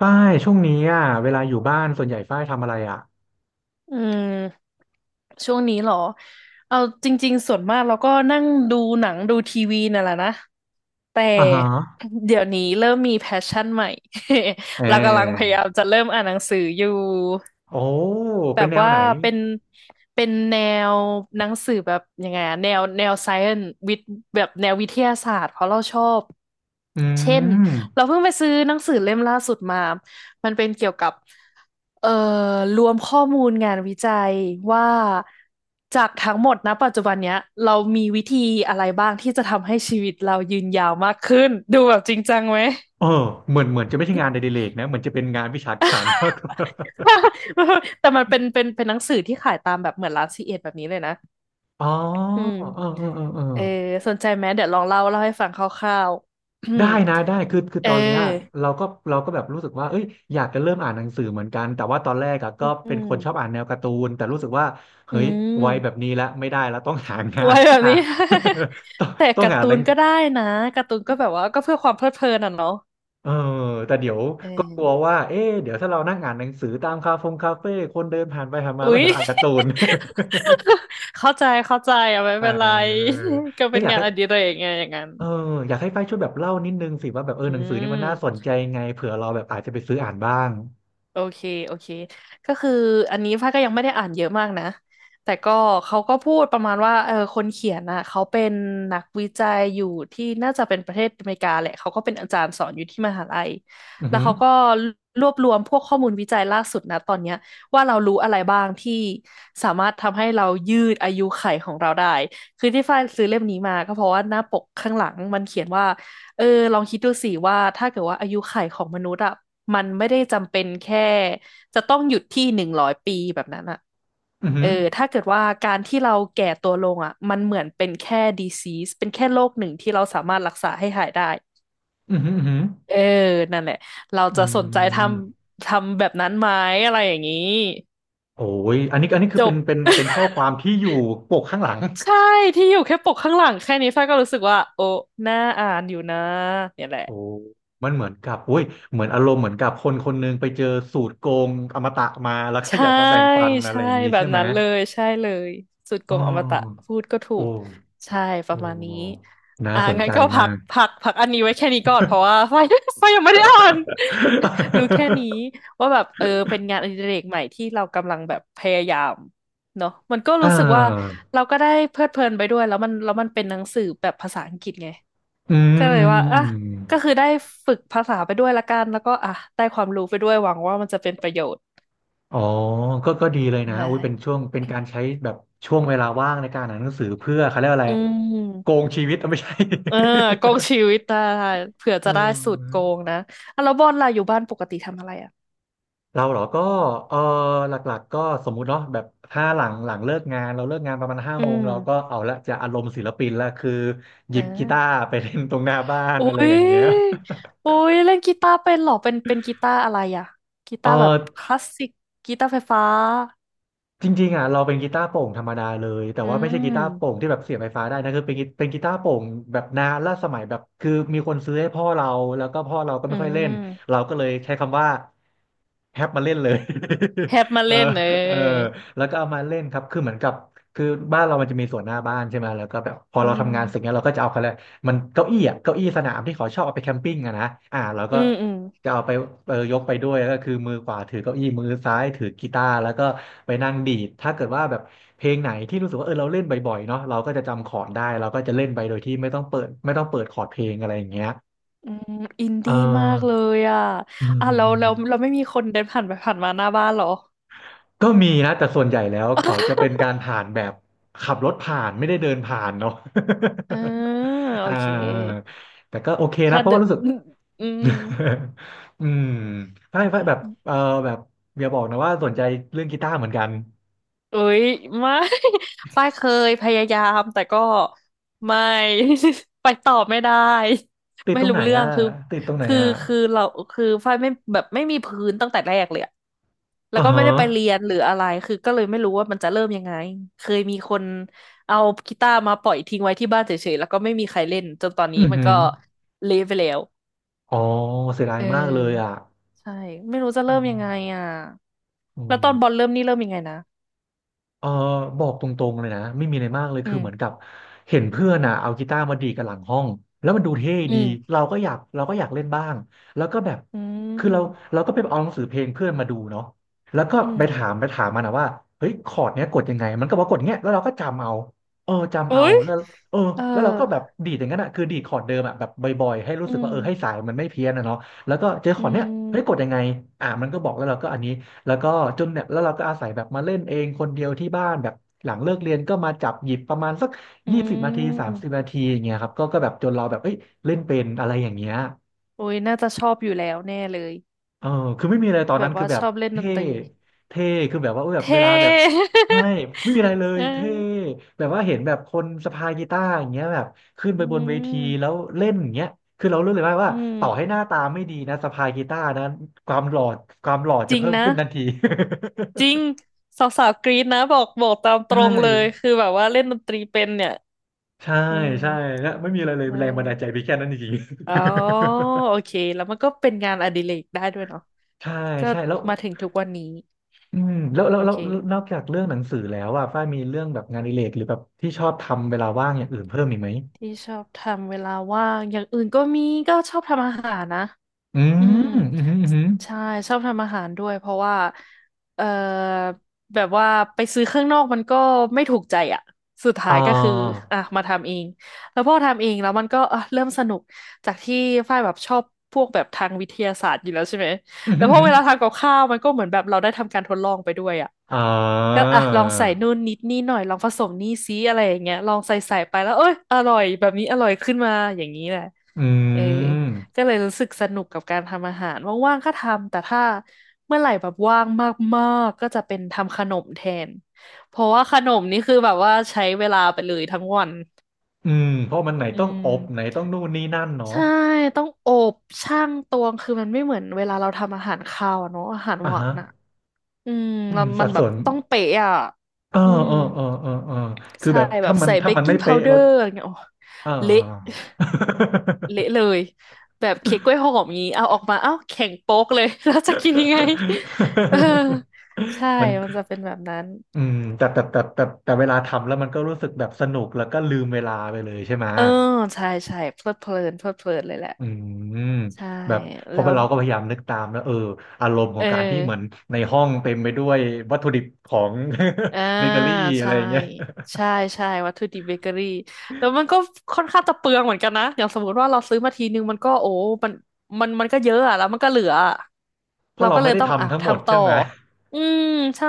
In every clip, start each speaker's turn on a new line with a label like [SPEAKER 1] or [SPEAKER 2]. [SPEAKER 1] ฝ้ายช่วงนี้อ่ะเวลาอยู่บ้านส่วนใหญ่ฝ้ายทำอะไรอ่ะ
[SPEAKER 2] อืมช่วงนี้เหรอเอาจริงๆส่วนมากเราก็นั่งดูหนังดูทีวีนั่นแหละนะแต่
[SPEAKER 1] อ่าฮะ
[SPEAKER 2] เดี๋ยวนี้เริ่มมีแพชชั่นใหม่
[SPEAKER 1] เ
[SPEAKER 2] เรากำลังพ
[SPEAKER 1] ออ
[SPEAKER 2] ยายามจะเริ่มอ่านหนังสืออยู่
[SPEAKER 1] โอ้
[SPEAKER 2] แบ
[SPEAKER 1] เป็น
[SPEAKER 2] บ
[SPEAKER 1] แนว
[SPEAKER 2] ว่า
[SPEAKER 1] ไหน
[SPEAKER 2] เป็นเป็นแนวหนังสือแบบยังไงอะแนวไซเอนวิทแบบแนววิทยาศาสตร์เพราะเราชอบ
[SPEAKER 1] อื
[SPEAKER 2] เช่น
[SPEAKER 1] ม
[SPEAKER 2] เราเพิ่งไปซื้อหนังสือเล่มล่าสุดมามันเป็นเกี่ยวกับเอ่อรวมข้อมูลงานวิจัยว่าจากทั้งหมดนะปัจจุบันเนี้ยเรามีวิธีอะไรบ้างที่จะทำให้ชีวิตเรายืนยาวมากขึ้นดูแบบจริงจังไหม
[SPEAKER 1] เออเหมือนเหมือนจะไม่ใช่งานอดิเรกนะเหมือนจะเป็นงานวิชาการมากกว่า
[SPEAKER 2] แต่มันเป็นหนังสือที่ขายตามแบบเหมือนร้านซีเอ็ดแบบนี้เลยนะ
[SPEAKER 1] อ๋อ
[SPEAKER 2] อืม
[SPEAKER 1] เออเออเออเออ
[SPEAKER 2] เออสนใจไหมเดี๋ยวลองเล่าให้ฟังคร่าวๆ อื
[SPEAKER 1] ได้
[SPEAKER 2] ม
[SPEAKER 1] นะได้คือ
[SPEAKER 2] เอ
[SPEAKER 1] ต
[SPEAKER 2] อ
[SPEAKER 1] อนเนี้ยเราก็แบบรู้สึกว่าเอ้ยอยากจะเริ่มอ่านหนังสือเหมือนกันแต่ว่าตอนแรกอะก็
[SPEAKER 2] อื
[SPEAKER 1] เป็นคนชอบ
[SPEAKER 2] ม
[SPEAKER 1] อ่านแนวการ์ตูนแต่รู้สึกว่า
[SPEAKER 2] อื
[SPEAKER 1] เฮ้ยวัยแบบ
[SPEAKER 2] ม
[SPEAKER 1] นี้แล้วไม่ได้แล้วต้องหางาน
[SPEAKER 2] ไว้แบบ
[SPEAKER 1] อ่ะ
[SPEAKER 2] นี้
[SPEAKER 1] ต้อง
[SPEAKER 2] แต่
[SPEAKER 1] ต้อง
[SPEAKER 2] การ์
[SPEAKER 1] หา
[SPEAKER 2] ตู
[SPEAKER 1] หนั
[SPEAKER 2] น
[SPEAKER 1] ง
[SPEAKER 2] ก็ได้นะการ์ตูนก็แบบว่าก็เพื่อความเพลิดเพลินอ่ะเนาะ
[SPEAKER 1] เออแต่เดี๋ยว
[SPEAKER 2] เ
[SPEAKER 1] ก็กลัว
[SPEAKER 2] ออ
[SPEAKER 1] ว่าเอ๊ะเดี๋ยวถ้าเรานั่งอ่านหนังสือตามคาเฟ่คนเดินผ่านไปผ่านมาแล้ว
[SPEAKER 2] อุ๊ย
[SPEAKER 1] เห็นเราอ่านการ์ตูน
[SPEAKER 2] เข้าใจอ่ะไม่
[SPEAKER 1] เอ
[SPEAKER 2] เป็นไร
[SPEAKER 1] อ
[SPEAKER 2] ก็
[SPEAKER 1] ก็
[SPEAKER 2] เป็น
[SPEAKER 1] อยาก
[SPEAKER 2] งาน
[SPEAKER 1] ให้
[SPEAKER 2] อดิเรกไงอย่างนั้น
[SPEAKER 1] เอออยากให้ฝ้ายช่วยแบบเล่านิดนึงสิว่าแบบเอ
[SPEAKER 2] อื
[SPEAKER 1] อหนังสือนี่มันน่าสน
[SPEAKER 2] ม
[SPEAKER 1] ใจไงเผื่อเราแบบอาจจะไปซื้ออ่านบ้าง
[SPEAKER 2] โอเค โอเคก็คืออันนี้ฟ้าก็ยังไม่ได้อ่านเยอะมากนะ แต่ก็เขาก็พูดประมาณว่าเออคนเขียนน่ะเขาเป็นนักวิจัยอยู่ที่น่าจะเป็นประเทศอเมริกาแหละเขาก็เป็นอาจารย์สอนอยู่ที่มหาลัย
[SPEAKER 1] อือ
[SPEAKER 2] แล้ว
[SPEAKER 1] หือ
[SPEAKER 2] เขาก็รวบรวมพวกข้อมูลวิจัยล่าสุดนะตอนเนี้ยว่าเรารู้อะไรบ้างที่สามารถทำให้เรายืดอายุขัยของเราได้คือที่ฟ้าซื้อเล่มนี้มาก็เพราะว่าหน้าปกข้างหลังมันเขียนว่า เออลองคิดดูสิว่าถ้าเกิดว่าอายุขัยของมนุษย์อ่ะมันไม่ได้จำเป็นแค่จะต้องหยุดที่100 ปีแบบนั้นอ่ะ
[SPEAKER 1] อือหื
[SPEAKER 2] เอ
[SPEAKER 1] อ
[SPEAKER 2] อถ้าเกิดว่าการที่เราแก่ตัวลงอ่ะมันเหมือนเป็นแค่ disease เป็นแค่โรคหนึ่งที่เราสามารถรักษาให้หายได้
[SPEAKER 1] อือหืออือหือ
[SPEAKER 2] เออนั่นแหละเรา
[SPEAKER 1] อื
[SPEAKER 2] จะสนใจท
[SPEAKER 1] ม
[SPEAKER 2] ำทำแบบนั้นไหมอะไรอย่างนี้
[SPEAKER 1] โอ้ยอันนี้อันนี้คื
[SPEAKER 2] จ
[SPEAKER 1] อเป็
[SPEAKER 2] บ
[SPEAKER 1] นเป็นเป็นข้อความที่อยู่ปกข้างหลัง
[SPEAKER 2] ใช่ที่อยู่แค่ปกข้างหลังแค่นี้ฝ้ายก็รู้สึกว่าโอ้น่าอ่านอยู่นะเนี่ยแหละ
[SPEAKER 1] โอ้มันเหมือนกับอุ้ยเหมือนอารมณ์เหมือนกับคนคนหนึงไปเจอสูตรโกงอมตะมาแล้วก็อ
[SPEAKER 2] ใช่
[SPEAKER 1] ยากมาแบ่งปันอะไร
[SPEAKER 2] ใช่
[SPEAKER 1] อย่างนี้
[SPEAKER 2] แบ
[SPEAKER 1] ใช่
[SPEAKER 2] บ
[SPEAKER 1] ไหม
[SPEAKER 2] นั้นเลยใช่เลยสุดโก
[SPEAKER 1] อ๋อ
[SPEAKER 2] งอมตะพูดก็ถู
[SPEAKER 1] โอ้
[SPEAKER 2] กใช่ป
[SPEAKER 1] โอ
[SPEAKER 2] ระมาณนี้
[SPEAKER 1] ้น่า
[SPEAKER 2] อ่ะ
[SPEAKER 1] สน
[SPEAKER 2] งั้
[SPEAKER 1] ใจ
[SPEAKER 2] นก็พั
[SPEAKER 1] มา
[SPEAKER 2] ก
[SPEAKER 1] ก
[SPEAKER 2] พักพักอันนี้ไว้แค่นี้ก่อนเพราะว่า ไฟยังไม่ได้อ่าน รู้แค่นี้ ว่าแบบเออเป็นงานอดิเรกใหม่ที่เรากำลังแบบพยายามเนาะมันก็
[SPEAKER 1] อ่
[SPEAKER 2] รู้สึกว่า
[SPEAKER 1] า
[SPEAKER 2] เราก็ได้เพลิดเพลินไปด้วยแล้วมันเป็นหนังสือแบบภาษาอังกฤษไง
[SPEAKER 1] อืม
[SPEAKER 2] ก็เล
[SPEAKER 1] อื
[SPEAKER 2] ย
[SPEAKER 1] ม
[SPEAKER 2] ว่า
[SPEAKER 1] อื
[SPEAKER 2] อ่ะ
[SPEAKER 1] ม
[SPEAKER 2] ก็คื
[SPEAKER 1] อ
[SPEAKER 2] อได้ฝึกภาษาไปด้วยละกันแล้วก็อ่ะได้ความรู้ไปด้วยหวังว่ามันจะเป็นประโยชน์
[SPEAKER 1] ๋อก็ก็ดีเลยนะ
[SPEAKER 2] ได้
[SPEAKER 1] อุ้ยเป็นช่วงเป็นการใช้แบบช่วงเวลาว่างในการอ่านหนังสือเพื่อเขาเรียกว่าอะไร
[SPEAKER 2] อื
[SPEAKER 1] โก
[SPEAKER 2] ม
[SPEAKER 1] งชีวิตอ่ะไม่ใช่
[SPEAKER 2] เออโกงชีวิต ได้เผื่อ
[SPEAKER 1] เ
[SPEAKER 2] จะได้สูตรโก
[SPEAKER 1] ออ
[SPEAKER 2] งนะอ่ะแล้วบอลล่ะอยู่บ้านปกติทำอะไรอ่ะ
[SPEAKER 1] เราเหรอก็เออหลักๆก็สมมุติเนาะแบบถ้าหลังหลังเลิกงานเราเลิกงานประมาณห้า
[SPEAKER 2] อื
[SPEAKER 1] โมงเราก็
[SPEAKER 2] ม
[SPEAKER 1] เอาละจะอารมณ์ศิลปินละคือห
[SPEAKER 2] เอ
[SPEAKER 1] ยิ
[SPEAKER 2] อ
[SPEAKER 1] บกีตาร์ไปเล่นตรงหน้าบ้าน
[SPEAKER 2] อุ้
[SPEAKER 1] อะไรอ
[SPEAKER 2] ย
[SPEAKER 1] ย่างเงี้ย
[SPEAKER 2] อุ้ยเล่นกีตาร์เป็นเหรอเป็นกีตาร์อะไรอ่ะกี
[SPEAKER 1] เ
[SPEAKER 2] ตาร์แบบค
[SPEAKER 1] ออ
[SPEAKER 2] ลาสสิกกีตาร์ไฟฟ้า
[SPEAKER 1] จริงๆอ่ะเราเป็นกีตาร์โปร่งธรรมดาเลยแต่
[SPEAKER 2] อื
[SPEAKER 1] ว่าไม่ใช่กี
[SPEAKER 2] ม
[SPEAKER 1] ตาร์โปร่งที่แบบเสียบไฟฟ้าได้นะคือเป็นกีตาร์โปร่งแบบนานล่าสมัยแบบคือมีคนซื้อให้พ่อเราแล้วก็พ่อเราก็
[SPEAKER 2] อื
[SPEAKER 1] ไม่ค่อยเล่น
[SPEAKER 2] ม
[SPEAKER 1] เราก็เลยใช้คำว่าแฮปมาเล่นเลย
[SPEAKER 2] แฮปมา
[SPEAKER 1] เออ
[SPEAKER 2] เล่นเอ
[SPEAKER 1] เออ
[SPEAKER 2] อ
[SPEAKER 1] แล้วก็เอามาเล่นครับคือเหมือนกับคือบ้านเรามันจะมีสวนหน้าบ้านใช่ไหมแล้วก็แบบพอ
[SPEAKER 2] อื
[SPEAKER 1] เราทำงานเสร็จเนี้ย
[SPEAKER 2] ม
[SPEAKER 1] เราก็จะเอาเขาแหละ มันเก้าอี้อ่ะเก้าอี้สนามที่เขาชอบเอาไปแคมปิ้งอะนะอ่าเราก็
[SPEAKER 2] อืมอืม
[SPEAKER 1] จะเอาไปเออยกไปด้วยแล้วก็คือมือขวาถือเก้าอี้มือซ้ายถือกีตาร์แล้วก็ไปนั่งดีดถ้าเกิดว่าแบบเพลงไหนที่รู้สึกว่าเออเราเล่นบ่อยๆเนาะเราก็จะจำคอร์ดได้เราก็จะเล่นไปโดยที่ไม่ต้องเปิดคอร์ดเพลงอะไรอย่างเงี้ย
[SPEAKER 2] อืมอิน
[SPEAKER 1] เอ
[SPEAKER 2] ดี้มากเล
[SPEAKER 1] อ
[SPEAKER 2] ยอ่ะ
[SPEAKER 1] อื
[SPEAKER 2] อ่ะเราเรา
[SPEAKER 1] ม
[SPEAKER 2] เราไม่มีคนเดินผ่านไปผ่านมาหน้าบ้านเหรอ
[SPEAKER 1] ก็มีนะแต่ส่วนใหญ่แล้วเขาจะเป็นการผ่านแบบขับรถผ่านไม่ได้เดินผ่านเนาะ
[SPEAKER 2] เออ โอ
[SPEAKER 1] อ่า
[SPEAKER 2] เค
[SPEAKER 1] แต่ก็โอเคนะ
[SPEAKER 2] ถ้า
[SPEAKER 1] เพราะ
[SPEAKER 2] เดิ
[SPEAKER 1] ว่ารู้สึ
[SPEAKER 2] น
[SPEAKER 1] ก
[SPEAKER 2] อืม
[SPEAKER 1] อืมไม่ไม่แบบเออแบบอย่าบอกนะว่าสนใจเรื่องกีตาร์เหมือนกัน
[SPEAKER 2] เอ้ยไม่ ฝ้ายเคยพยายามแต่ก็ไม่ ไปต่อไม่ได้
[SPEAKER 1] ติด
[SPEAKER 2] ไม่
[SPEAKER 1] ตรง
[SPEAKER 2] รู้
[SPEAKER 1] ไหน
[SPEAKER 2] เรื่อง
[SPEAKER 1] อ่ะ
[SPEAKER 2] คือ
[SPEAKER 1] ติดตรงไหน
[SPEAKER 2] คือ
[SPEAKER 1] อ่ะ
[SPEAKER 2] คือฝ้ายไม่แบบไม่มีพื้นตั้งแต่แรกเลยอะแล้ว
[SPEAKER 1] อ่า
[SPEAKER 2] ก็ไม่
[SPEAKER 1] ฮะ
[SPEAKER 2] ได้ไปเรียนหรืออะไรคือก็เลยไม่รู้ว่ามันจะเริ่มยังไงเคยมีคนเอากีตาร์มาปล่อยทิ้งไว้ที่บ้านเฉยๆแล้วก็ไม่มีใครเล่นจนตอนนี้
[SPEAKER 1] อือ
[SPEAKER 2] มัน
[SPEAKER 1] หือ
[SPEAKER 2] ก็เละไปแล้ว
[SPEAKER 1] อ๋อเสียดาย
[SPEAKER 2] เ
[SPEAKER 1] มากเลยอ่ะ
[SPEAKER 2] ออใช่ไม่รู้จะ
[SPEAKER 1] อื
[SPEAKER 2] เริ่มยังไง
[SPEAKER 1] ม
[SPEAKER 2] อ่ะ
[SPEAKER 1] อื
[SPEAKER 2] แล้ว
[SPEAKER 1] ม
[SPEAKER 2] ตอนบอลเริ่มนี่เริ่มยังไงนะ
[SPEAKER 1] เออบอกตรงๆเลยนะไม่มีอะไรมากเลย
[SPEAKER 2] อื
[SPEAKER 1] คือ
[SPEAKER 2] ม
[SPEAKER 1] เหมือนกับเห็นเพื่อนอ่ะเอากีตาร์มาดีดกันหลังห้องแล้วมันดูเท่
[SPEAKER 2] อื
[SPEAKER 1] ดี
[SPEAKER 2] ม
[SPEAKER 1] เราก็อยากเล่นบ้างแล้วก็แบบ
[SPEAKER 2] อื
[SPEAKER 1] คือเรา
[SPEAKER 2] ม
[SPEAKER 1] เราก็ไปเอาหนังสือเพลงเพื่อนมาดูเนาะแล้วก็
[SPEAKER 2] อืม
[SPEAKER 1] ไปถามมันนะว่าเฮ้ยคอร์ดเนี้ยกดยังไงมันก็บอกว่ากดเงี้ยแล้วเราก็จำเอาเออจำ
[SPEAKER 2] อุ๊
[SPEAKER 1] เอา
[SPEAKER 2] ย
[SPEAKER 1] แล้วเออ
[SPEAKER 2] เออ
[SPEAKER 1] แล้วเราก็แบบดีดอย่างนั้นอ่ะคือดีดคอร์ดเดิมอ่ะแบบบ่อยๆให้รู้
[SPEAKER 2] อื
[SPEAKER 1] สึกว่า
[SPEAKER 2] ม
[SPEAKER 1] เออให้สายมันไม่เพี้ยนนะเนาะแล้วก็เจอค
[SPEAKER 2] อื
[SPEAKER 1] อร์ดเนี้ยเฮ้ยกด
[SPEAKER 2] ม
[SPEAKER 1] ยังไงอ่ะมันก็บอกแล้วเราก็อันนี้ แล้วก็จนเนี่ยแล้วเราก็อาศัยแบบมาเล่นเองคนเดียวที่บ้านแบบหลังเลิกเรียนก็มาจับหยิบประมาณสัก
[SPEAKER 2] อื
[SPEAKER 1] 20 นาทีสามสิ
[SPEAKER 2] ม
[SPEAKER 1] บนาทีอย่างเงี้ยครับก็ก็แบบจนเราแบบเอ้ยเล่นเป็นอะไรอย่างเงี้ย
[SPEAKER 2] อุ๊ยน่าจะชอบอยู่แล้วแน่เลย
[SPEAKER 1] เออคือไม่มีอะไรตอน
[SPEAKER 2] แบ
[SPEAKER 1] นั้
[SPEAKER 2] บ
[SPEAKER 1] นคื
[SPEAKER 2] ว่า
[SPEAKER 1] อแบ
[SPEAKER 2] ช
[SPEAKER 1] บ
[SPEAKER 2] อบเล่นด
[SPEAKER 1] เท่
[SPEAKER 2] นตรี
[SPEAKER 1] เท่คือแบบว่าเออแบบเว
[SPEAKER 2] เท่
[SPEAKER 1] ลาแบบ ใช่ไม่มีอะไรเลย
[SPEAKER 2] เอ
[SPEAKER 1] เท่
[SPEAKER 2] อ
[SPEAKER 1] แบบว่าเห็นแบบคนสะพายกีตาร์อย่างเงี้ยแบบขึ้นไป
[SPEAKER 2] อื
[SPEAKER 1] บนเวทีแล้
[SPEAKER 2] ม
[SPEAKER 1] วเล่นอย่างเงี้ยคือเรารู้เลยว่า
[SPEAKER 2] อื
[SPEAKER 1] ต่อให้
[SPEAKER 2] ม
[SPEAKER 1] หน้าตาไม่ดีนะสะพายกีตาร์นะความหล่อความหล่อ
[SPEAKER 2] จ
[SPEAKER 1] จะ
[SPEAKER 2] ริง
[SPEAKER 1] เพิ่ม
[SPEAKER 2] นะ
[SPEAKER 1] ขึ้นทันที
[SPEAKER 2] จริงสาวๆกรี๊ดนะบอกตาม ตร
[SPEAKER 1] ใช่
[SPEAKER 2] งเลยคือแบบว่าเล่นดนตรีเป็นเนี่ย
[SPEAKER 1] ใช่
[SPEAKER 2] อืม
[SPEAKER 1] ใช่แล้วไม่มีอะไรเลย
[SPEAKER 2] ได
[SPEAKER 1] แรงบันดาลใจไี
[SPEAKER 2] ้
[SPEAKER 1] แค่นั้นจริง
[SPEAKER 2] อ๋อ
[SPEAKER 1] ๆ
[SPEAKER 2] โอเคแล้วมันก็เป็นงานอดิเรกได้ด้วยเนาะ
[SPEAKER 1] ใช่
[SPEAKER 2] ก็
[SPEAKER 1] ใช่แล้ว
[SPEAKER 2] มาถึงทุกวันนี้
[SPEAKER 1] อืมแล้วแล้ว
[SPEAKER 2] โอ
[SPEAKER 1] แล้ว
[SPEAKER 2] เค
[SPEAKER 1] แล้วนอกจากเรื่องหนังสือแล้วอ่ะฝ้ายมีเรื่องแบบงานอดิเรกหรือแบบที่ชอบทำเวลาว่างอย่างอื่นเพิ่มอีกไหม
[SPEAKER 2] ที่ชอบทำเวลาว่างอย่างอื่นก็มีก็ชอบทำอาหารนะ
[SPEAKER 1] อื
[SPEAKER 2] อื
[SPEAKER 1] ม
[SPEAKER 2] ม
[SPEAKER 1] อืมอหืมออื้อหือ
[SPEAKER 2] ใช่ชอบทำอาหารด้วยเพราะว่าเอ่อแบบว่าไปซื้อข้างนอกมันก็ไม่ถูกใจอ่ะสุดท้า
[SPEAKER 1] อ่า
[SPEAKER 2] ยก็คืออ่ะมาทำเองแล้วพอทำเองแล้วมันก็อ่ะเริ่มสนุกจากที่ฝ้ายแบบชอบพวกแบบทางวิทยาศาสตร์อยู่แล้วใช่ไหม
[SPEAKER 1] อืมอ
[SPEAKER 2] แล้
[SPEAKER 1] หื
[SPEAKER 2] ว
[SPEAKER 1] ออื้
[SPEAKER 2] พ
[SPEAKER 1] อ
[SPEAKER 2] อ
[SPEAKER 1] หื
[SPEAKER 2] เว
[SPEAKER 1] อ
[SPEAKER 2] ลาทำกับข้าวมันก็เหมือนแบบเราได้ทำการทดลองไปด้วยอ่ะ
[SPEAKER 1] อ่
[SPEAKER 2] ก็
[SPEAKER 1] า
[SPEAKER 2] อ่ะลองใส่นู่นนิดนี่หน่อยลองผสมนี่ซิอะไรอย่างเงี้ยลองใส่ไปแล้วเอ้ยอร่อยแบบนี้อร่อยขึ้นมาอย่างนี้แหละ
[SPEAKER 1] อื
[SPEAKER 2] เออ
[SPEAKER 1] ม
[SPEAKER 2] ก็เลยรู้สึกสนุกกับการทำอาหารว่างๆก็ทำแต่ถ้าเมื่อไหร่แบบว่างมากๆก็จะเป็นทำขนมแทนเพราะว่าขนมนี่คือแบบว่าใช้เวลาไปเลยทั้งวัน
[SPEAKER 1] อืม เพราะมันไหน
[SPEAKER 2] อื
[SPEAKER 1] ต้องอบไหน
[SPEAKER 2] ม
[SPEAKER 1] ต้องนู่นนี่นั่นเนาะ
[SPEAKER 2] ใช่ต้องอบช่างตวงคือมันไม่เหมือนเวลาเราทำอาหารคาวอะเนาะอาหารห
[SPEAKER 1] อ่า
[SPEAKER 2] วา
[SPEAKER 1] ฮะ
[SPEAKER 2] นอะอืม
[SPEAKER 1] อื
[SPEAKER 2] แล้
[SPEAKER 1] ม
[SPEAKER 2] ว
[SPEAKER 1] สั
[SPEAKER 2] มัน
[SPEAKER 1] ด
[SPEAKER 2] แบ
[SPEAKER 1] ส่
[SPEAKER 2] บ
[SPEAKER 1] วน
[SPEAKER 2] ต้องเป๊ะอะ
[SPEAKER 1] เออ
[SPEAKER 2] อืม
[SPEAKER 1] เออคือ
[SPEAKER 2] ใช่
[SPEAKER 1] แบบ
[SPEAKER 2] แบ
[SPEAKER 1] ถ้า
[SPEAKER 2] บ
[SPEAKER 1] มัน
[SPEAKER 2] ใส่เบ
[SPEAKER 1] ถ้า
[SPEAKER 2] ก
[SPEAKER 1] มัน
[SPEAKER 2] กิ้
[SPEAKER 1] ไม่
[SPEAKER 2] งพา
[SPEAKER 1] เป๊ะ
[SPEAKER 2] วเดอ
[SPEAKER 1] เรา
[SPEAKER 2] ร์อะไรเงี้ยโอ้
[SPEAKER 1] เอ
[SPEAKER 2] เละ
[SPEAKER 1] อ
[SPEAKER 2] เละเลยแบบเค้กกล้วยหอมงี้เอาออกมาเอ้าแข็งโป๊กเลย แล้วจะกินยังไง เออใช่
[SPEAKER 1] มัน
[SPEAKER 2] มันจะเป็นแบบนั้น
[SPEAKER 1] อืมแต่เวลาทำแล้วมันก็รู้สึกแบบสนุกแล้วก็ลืมเวลาไปเลยใช่ไหม
[SPEAKER 2] เออใช่ใช่เพลิดเพลินเพลิดเพลินเลยแหละ
[SPEAKER 1] อืม
[SPEAKER 2] ใช่
[SPEAKER 1] แบบพอ
[SPEAKER 2] แล้ว
[SPEAKER 1] เราก็พยายามนึกตามแล้วเอออารมณ์ขอ
[SPEAKER 2] เอ
[SPEAKER 1] งการที่เหมือน
[SPEAKER 2] อ
[SPEAKER 1] ในห้องเต็มไปด้วยวัตถุดิบของ
[SPEAKER 2] อ่า
[SPEAKER 1] เบเกอรี่อะไร
[SPEAKER 2] ใช่
[SPEAKER 1] อย่างเงี้ย
[SPEAKER 2] ใช่ใช่วัตถุดิบเบเกอรี่แล้วมันก็ค่อนข้างจะเปลืองเหมือนกันนะอย่างสมมติว่าเราซื้อมาทีนึงมันก็โอ้มันมันก็เยอะอะแล้วมันก็เหลืออะ
[SPEAKER 1] เพ
[SPEAKER 2] เรา
[SPEAKER 1] ราะเรา
[SPEAKER 2] ก็เล
[SPEAKER 1] ไม่
[SPEAKER 2] ย
[SPEAKER 1] ได้
[SPEAKER 2] ต้องอ้า
[SPEAKER 1] ทำ
[SPEAKER 2] ว
[SPEAKER 1] ทั้งหมด
[SPEAKER 2] ทำต่
[SPEAKER 1] ใช่
[SPEAKER 2] อ
[SPEAKER 1] ไหม
[SPEAKER 2] อืมใช่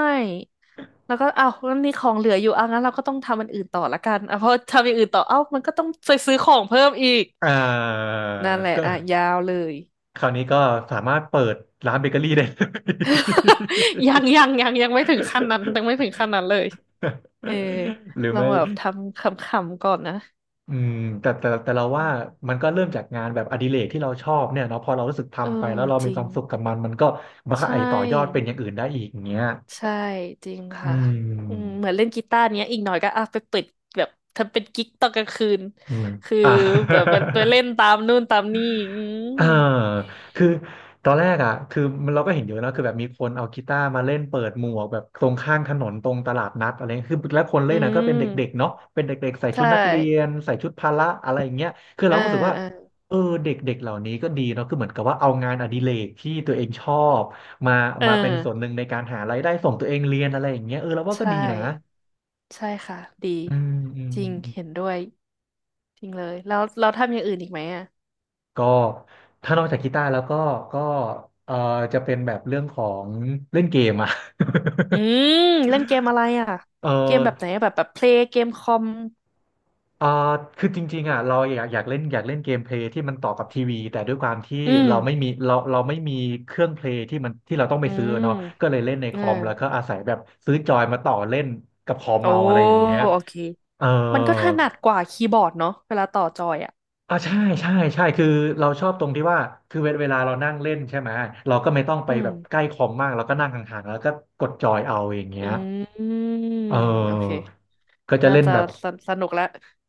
[SPEAKER 2] แล้วก็เอ้างั้นมีของเหลืออยู่เอางั้นเราก็ต้องทำอันอื่นต่อละกันอ่ะเพราะทำอย่างอื่นต่อเอ้ามันก็ต้องไปซื้อของเพิ่มอีก
[SPEAKER 1] อ่า
[SPEAKER 2] นั่นแหละ
[SPEAKER 1] ก็
[SPEAKER 2] อ่ะยาวเลย
[SPEAKER 1] คราวนี้ก็สามารถเปิดร้านเบเกอรี่ได้เลย
[SPEAKER 2] ยังไม่ถึงขั้นนั้นยังไม่ถึงขั้นนั้นเล ยเออ
[SPEAKER 1] หรือ
[SPEAKER 2] ลอง
[SPEAKER 1] ไม่
[SPEAKER 2] แบบทำขำๆก่อนนะ
[SPEAKER 1] อืมแต่เรา
[SPEAKER 2] อื
[SPEAKER 1] ว่า
[SPEAKER 2] ม
[SPEAKER 1] มันก็เริ่มจากงานแบบอดิเรกที่เราชอบเนี่ยเนาะพอเรารู้สึก
[SPEAKER 2] เออ
[SPEAKER 1] ทำไปแล้วเรา
[SPEAKER 2] จ
[SPEAKER 1] มี
[SPEAKER 2] ริ
[SPEAKER 1] ค
[SPEAKER 2] ง
[SPEAKER 1] วามสุขกับมันมันก็
[SPEAKER 2] ใช
[SPEAKER 1] ไอต่อยอดเป็น
[SPEAKER 2] ่
[SPEAKER 1] อย่างอื่นได้อีกอย่างเงี้ย
[SPEAKER 2] ใช่จริง
[SPEAKER 1] อื
[SPEAKER 2] ค่ะอืม
[SPEAKER 1] ม
[SPEAKER 2] เหมือนเล่นกีตาร์เนี้ยอีกหน่อยก็อ่ะไปเปิดแบบทำเป็นกิ๊กตอนกลางคืน
[SPEAKER 1] อืม
[SPEAKER 2] คือ
[SPEAKER 1] อ่า
[SPEAKER 2] แบบไปเล่นตามนู่นตามนี่อืม
[SPEAKER 1] อ่าคือตอนแรกอ่ะคือมันเราก็เห็นเยอะนะคือแบบมีคนเอากีตาร์มาเล่นเปิดหมวกแบบตรงข้างถนนตรงตลาดนัดอะไรเงี้ยคือแล้วคนเล่
[SPEAKER 2] อื
[SPEAKER 1] นนะก็เป็น
[SPEAKER 2] ม
[SPEAKER 1] เด็กๆเนาะเป็นเด็กๆใส่ชุด
[SPEAKER 2] ใช่
[SPEAKER 1] นักเรียนใส่ชุดพละอะไรอย่างเงี้ยคือ
[SPEAKER 2] เอ
[SPEAKER 1] เรา
[SPEAKER 2] อ
[SPEAKER 1] ก็รู้สึกว่า
[SPEAKER 2] เออ
[SPEAKER 1] เออเด็กๆเหล่านี้ก็ดีเนาะคือเหมือนกับว่าเอางานอดิเรกที่ตัวเองชอบมา
[SPEAKER 2] เอ
[SPEAKER 1] มาเป็นส่วนห
[SPEAKER 2] อ
[SPEAKER 1] นึ่งในการหารายได้ส่งตัวเองเรียนอะไรอย่างเงี้ยเออเราว่าก็
[SPEAKER 2] ใช่
[SPEAKER 1] ดีนะ
[SPEAKER 2] ใช่ค่ะ ดี
[SPEAKER 1] อืมอืม
[SPEAKER 2] จริง เห็นด้วย จริงเลย แล้วเราทำอย่างอื่นอีกไหมอ่ะ
[SPEAKER 1] ก็ถ้านอกจากกีตาร์แล้วก็ก็เออจะเป็นแบบเรื่องของเล่นเกมอะ
[SPEAKER 2] อื ม เล่นเกมอะไรอ่ะ
[SPEAKER 1] เอ
[SPEAKER 2] เกม
[SPEAKER 1] อ
[SPEAKER 2] แบบไหนอะแบบเพลย์เกมคอม
[SPEAKER 1] เออคือจริงๆอ่ะเราอยากอยากเล่นอยากเล่นเกมเพลย์ที่มันต่อกับทีวีแต่ด้วยความที่
[SPEAKER 2] อืม
[SPEAKER 1] เราไม่มีเครื่องเพลย์ที่มันที่เราต้องไป
[SPEAKER 2] อื
[SPEAKER 1] ซื้อ
[SPEAKER 2] ม
[SPEAKER 1] เนาะก็เลยเล่นใน
[SPEAKER 2] เอ
[SPEAKER 1] ค
[SPEAKER 2] อ
[SPEAKER 1] อมแล้วก็อาศัยแบบซื้อจอยมาต่อเล่นกับคอม
[SPEAKER 2] โอ้
[SPEAKER 1] เมาอะไรอย่างเงี้ย
[SPEAKER 2] โอเค
[SPEAKER 1] เออ
[SPEAKER 2] มันก็ถนัดกว่าคีย์บอร์ดเนาะเวลาต่อจอยอ่ะ
[SPEAKER 1] อ่าใช่ใช่ใช่คือเราชอบตรงที่ว่าคือเวลาเรานั่งเล่นใช่ไหมเราก็ไม่ต้องไป
[SPEAKER 2] อื
[SPEAKER 1] แบบใกล้
[SPEAKER 2] ม
[SPEAKER 1] คอมมากเราก็นั่งห่างๆแล้วก็กดจอยเอาอย่างเงี้
[SPEAKER 2] อื
[SPEAKER 1] ย
[SPEAKER 2] ม
[SPEAKER 1] เ
[SPEAKER 2] โอเค
[SPEAKER 1] ออก็จะ
[SPEAKER 2] น่า
[SPEAKER 1] เล่น
[SPEAKER 2] จะ
[SPEAKER 1] แบบ
[SPEAKER 2] สสนุกและ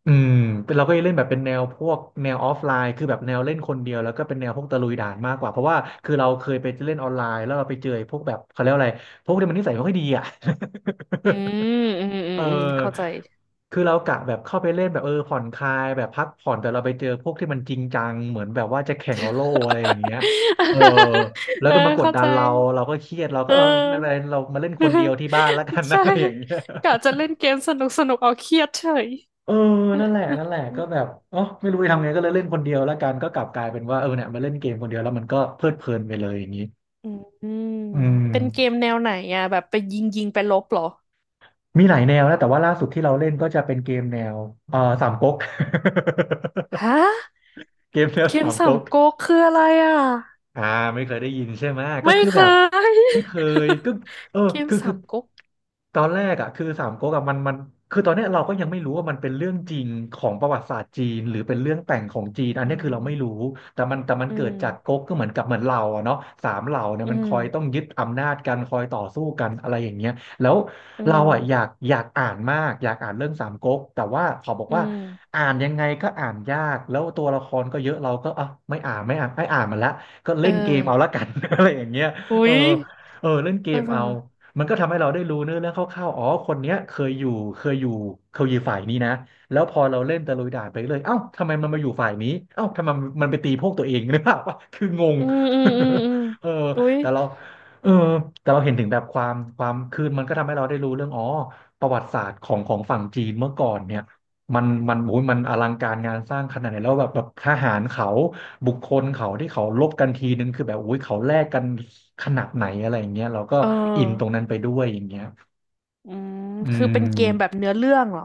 [SPEAKER 1] อืมเป็นเราก็จะเล่นแบบเป็นแนวพวกแนวออฟไลน์คือแบบแนวเล่นคนเดียวแล้วก็เป็นแนวพวกตะลุยด่านมากกว่าเพราะว่าคือเราเคยไปเล่นออนไลน์แล้วเราไปเจอไอ้พวกแบบเขาเรียกว่าอะไรพวกที่มันนิสัยไม่ค่อยดีอ่ะ
[SPEAKER 2] อืมอืม อื
[SPEAKER 1] เ
[SPEAKER 2] ม อืม เข้าใจ
[SPEAKER 1] ออคือเรากะแบบเข้าไปเล่นแบบเออผ่อนคลายแบบพักผ่อนแต่เราไปเจอพวกที่มันจริงจังเหมือนแบบว่าจะแข่งเอา โล่อะไรอย่างเงี้ยเออแล้ว
[SPEAKER 2] เออ
[SPEAKER 1] ก็มากด
[SPEAKER 2] เข้า
[SPEAKER 1] ดั
[SPEAKER 2] ใจ
[SPEAKER 1] นเราเราก็เครียดเราก็
[SPEAKER 2] เอ
[SPEAKER 1] เออ
[SPEAKER 2] อ
[SPEAKER 1] ไม่เป็นไรเรามาเล่นคนเดียว ที่บ้านแล้วกัน อะ
[SPEAKER 2] ใช่
[SPEAKER 1] ไรอย่างเงี้ย
[SPEAKER 2] กะจะเล่นเกมสนุกสนุกเอาเครียดเฉย
[SPEAKER 1] เออนั่นแหละก็แบบอ๋อไม่รู้จะทำไงก็เลยเล่นคนเดียวแล้วกันก็กลับกลายเป็นว่าเออเนี่ยมาเล่นเกมคนเดียวแล้วมันก็เพลิดเพลินไปเลยอย่างนี้
[SPEAKER 2] อืม
[SPEAKER 1] อืม
[SPEAKER 2] เป็นเกมแนวไหนอ่ะแบบไปยิงยิงไปลบเหรอ
[SPEAKER 1] มีหลายแนวนะแต่ว่าล่าสุดที่เราเล่นก็จะเป็นเกมแนวสามก๊ก
[SPEAKER 2] ฮะ
[SPEAKER 1] เกมแนว
[SPEAKER 2] เกม
[SPEAKER 1] สาม
[SPEAKER 2] สาม
[SPEAKER 1] ก๊ก
[SPEAKER 2] ก๊กคืออะไรอ่ะ
[SPEAKER 1] อ่าไม่เคยได้ยินใช่ไหมก็
[SPEAKER 2] ไม่
[SPEAKER 1] คือ
[SPEAKER 2] เค
[SPEAKER 1] แบบไม่
[SPEAKER 2] ย
[SPEAKER 1] เคยก็เออ
[SPEAKER 2] เกม
[SPEAKER 1] คือ
[SPEAKER 2] สา
[SPEAKER 1] คือ
[SPEAKER 2] มก๊ก
[SPEAKER 1] ตอนแรกอ่ะคือสามก๊กอะมันคือตอนเนี้ยเราก็ยังไม่รู้ว่ามันเป็นเรื่องจริงของประวัติศาสตร์จีนหรือเป็นเรื่องแต่งของจีนอัน
[SPEAKER 2] อื
[SPEAKER 1] เนี้ยคือเราไม่รู้
[SPEAKER 2] ม
[SPEAKER 1] แต่มัน
[SPEAKER 2] อื
[SPEAKER 1] เกิดจาก
[SPEAKER 2] ม
[SPEAKER 1] ก๊กก็เหมือนกับเหมือนเราอะเนาะสามเหล่าเนี่ย
[SPEAKER 2] อื
[SPEAKER 1] มันค
[SPEAKER 2] ม
[SPEAKER 1] อยต้องยึดอำนาจกันคอยต่อสู้กันอะไรอย่างเงี้ยแล้ว
[SPEAKER 2] อื
[SPEAKER 1] เราอ่ะอยา
[SPEAKER 2] ม
[SPEAKER 1] กอยากอ่านมากอยากอ่านเรื่องสามก๊กแต่ว่าเขาบอก
[SPEAKER 2] อื
[SPEAKER 1] ว่า
[SPEAKER 2] ม
[SPEAKER 1] อ่านยังไงก็อ่านยากแล้วตัวละครก็เยอะเราก็อ่ะไม่อ่านมันละ ก็
[SPEAKER 2] เอ
[SPEAKER 1] เล่
[SPEAKER 2] อ
[SPEAKER 1] นเกมเอาละกัน อะไรอย่างเงี้ย
[SPEAKER 2] อุ๊
[SPEAKER 1] เออ
[SPEAKER 2] ย
[SPEAKER 1] เออเล่นเก
[SPEAKER 2] เ
[SPEAKER 1] มเอา
[SPEAKER 2] ออ
[SPEAKER 1] มันก็ทำให้เราได้รู้เนื้อเรื่องคร่าวๆอ๋อคนเนี้ยเคยอยู่เคยอยู่ฝ่ายนี้นะแล้วพอเราเล่นตะลุยด่านไปเลยเอ้าทำไมมันมาอยู่ฝ่ายนี้เอ้าทำไมมันไปตีพวกตัวเอง หรือเปล่าวะคืองง
[SPEAKER 2] อืมอืมอืมอืม
[SPEAKER 1] เออ
[SPEAKER 2] อุ๊ย
[SPEAKER 1] แต่เราเออแต่เราเห็นถึงแบบความคือมันก็ทำให้เราได้รู้เรื่องอ๋อประวัติศาสตร์ของฝั่งจีนเมื่อก่อนเนี่ยมันโอ้ยมันอลังการงานสร้างขนาดไหนแล้วแบบทหารเขา บุคคลเขาที่เขาลบกันทีนึงคือแบบอุ้ยเขาแลกกันขนาดไหนอะไรอย่างเงี้ยเราก็
[SPEAKER 2] เออ
[SPEAKER 1] อินตรงนั้นไปด้วยอย่างเงี้ย
[SPEAKER 2] อืม
[SPEAKER 1] อื
[SPEAKER 2] คือเป็นเกมแบบ
[SPEAKER 1] ม
[SPEAKER 2] เนื้อเรื่องเหรอ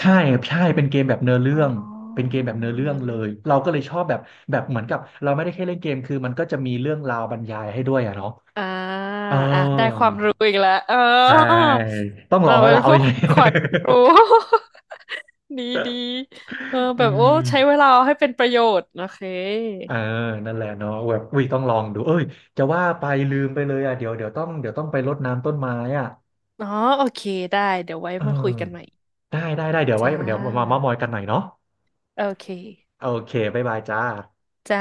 [SPEAKER 1] ใช่ใช่เป็นเกมแบบเนื้อเรื่
[SPEAKER 2] อ๋
[SPEAKER 1] องเป็
[SPEAKER 2] อ
[SPEAKER 1] นเกมแบบเนื้อเรื่อ
[SPEAKER 2] เนื้
[SPEAKER 1] ง
[SPEAKER 2] อ
[SPEAKER 1] เล
[SPEAKER 2] เรื่อง
[SPEAKER 1] ยเราก็เลยชอบแบบแบบเหมือนกับเราไม่ได้แค่เล่นเกมคือมันก็จะมีเรื่องราวบรรยายให้ด้วยอะเนาะ
[SPEAKER 2] อ่า
[SPEAKER 1] เออ
[SPEAKER 2] อ่ะได้ความรู้อีกแล้วเออ
[SPEAKER 1] ใช่ต้องลอ
[SPEAKER 2] เรา
[SPEAKER 1] งแล้ว
[SPEAKER 2] เป็น
[SPEAKER 1] ล่ะ
[SPEAKER 2] พ
[SPEAKER 1] เอาอ
[SPEAKER 2] วก
[SPEAKER 1] ย่างงี้
[SPEAKER 2] ขวัญรู้ ดีดีเออ
[SPEAKER 1] อื
[SPEAKER 2] แบบโอ้
[SPEAKER 1] ม
[SPEAKER 2] ใช้เวลาให้เป็นประโยชน์โอเค
[SPEAKER 1] เออนั่นแหละเนาะแบบอุ้ยต้องลองดูเอ้ยจะว่าไปลืมไปเลยอ่ะเดี๋ยวเดี๋ยวต้องเดี๋ยวต้องไปรดน้ำต้นไม้อ่ะ
[SPEAKER 2] อ๋อโอเคได้เดี๋ยวไว้
[SPEAKER 1] เออ
[SPEAKER 2] มาคุยกันใหม่
[SPEAKER 1] ได้เดี๋ยวไว้
[SPEAKER 2] จ้า
[SPEAKER 1] เดี๋ยวมาเม้ามอยกันหน่อยเนาะ
[SPEAKER 2] โอเค
[SPEAKER 1] โอเคบ๊ายบายจ้า
[SPEAKER 2] จ้า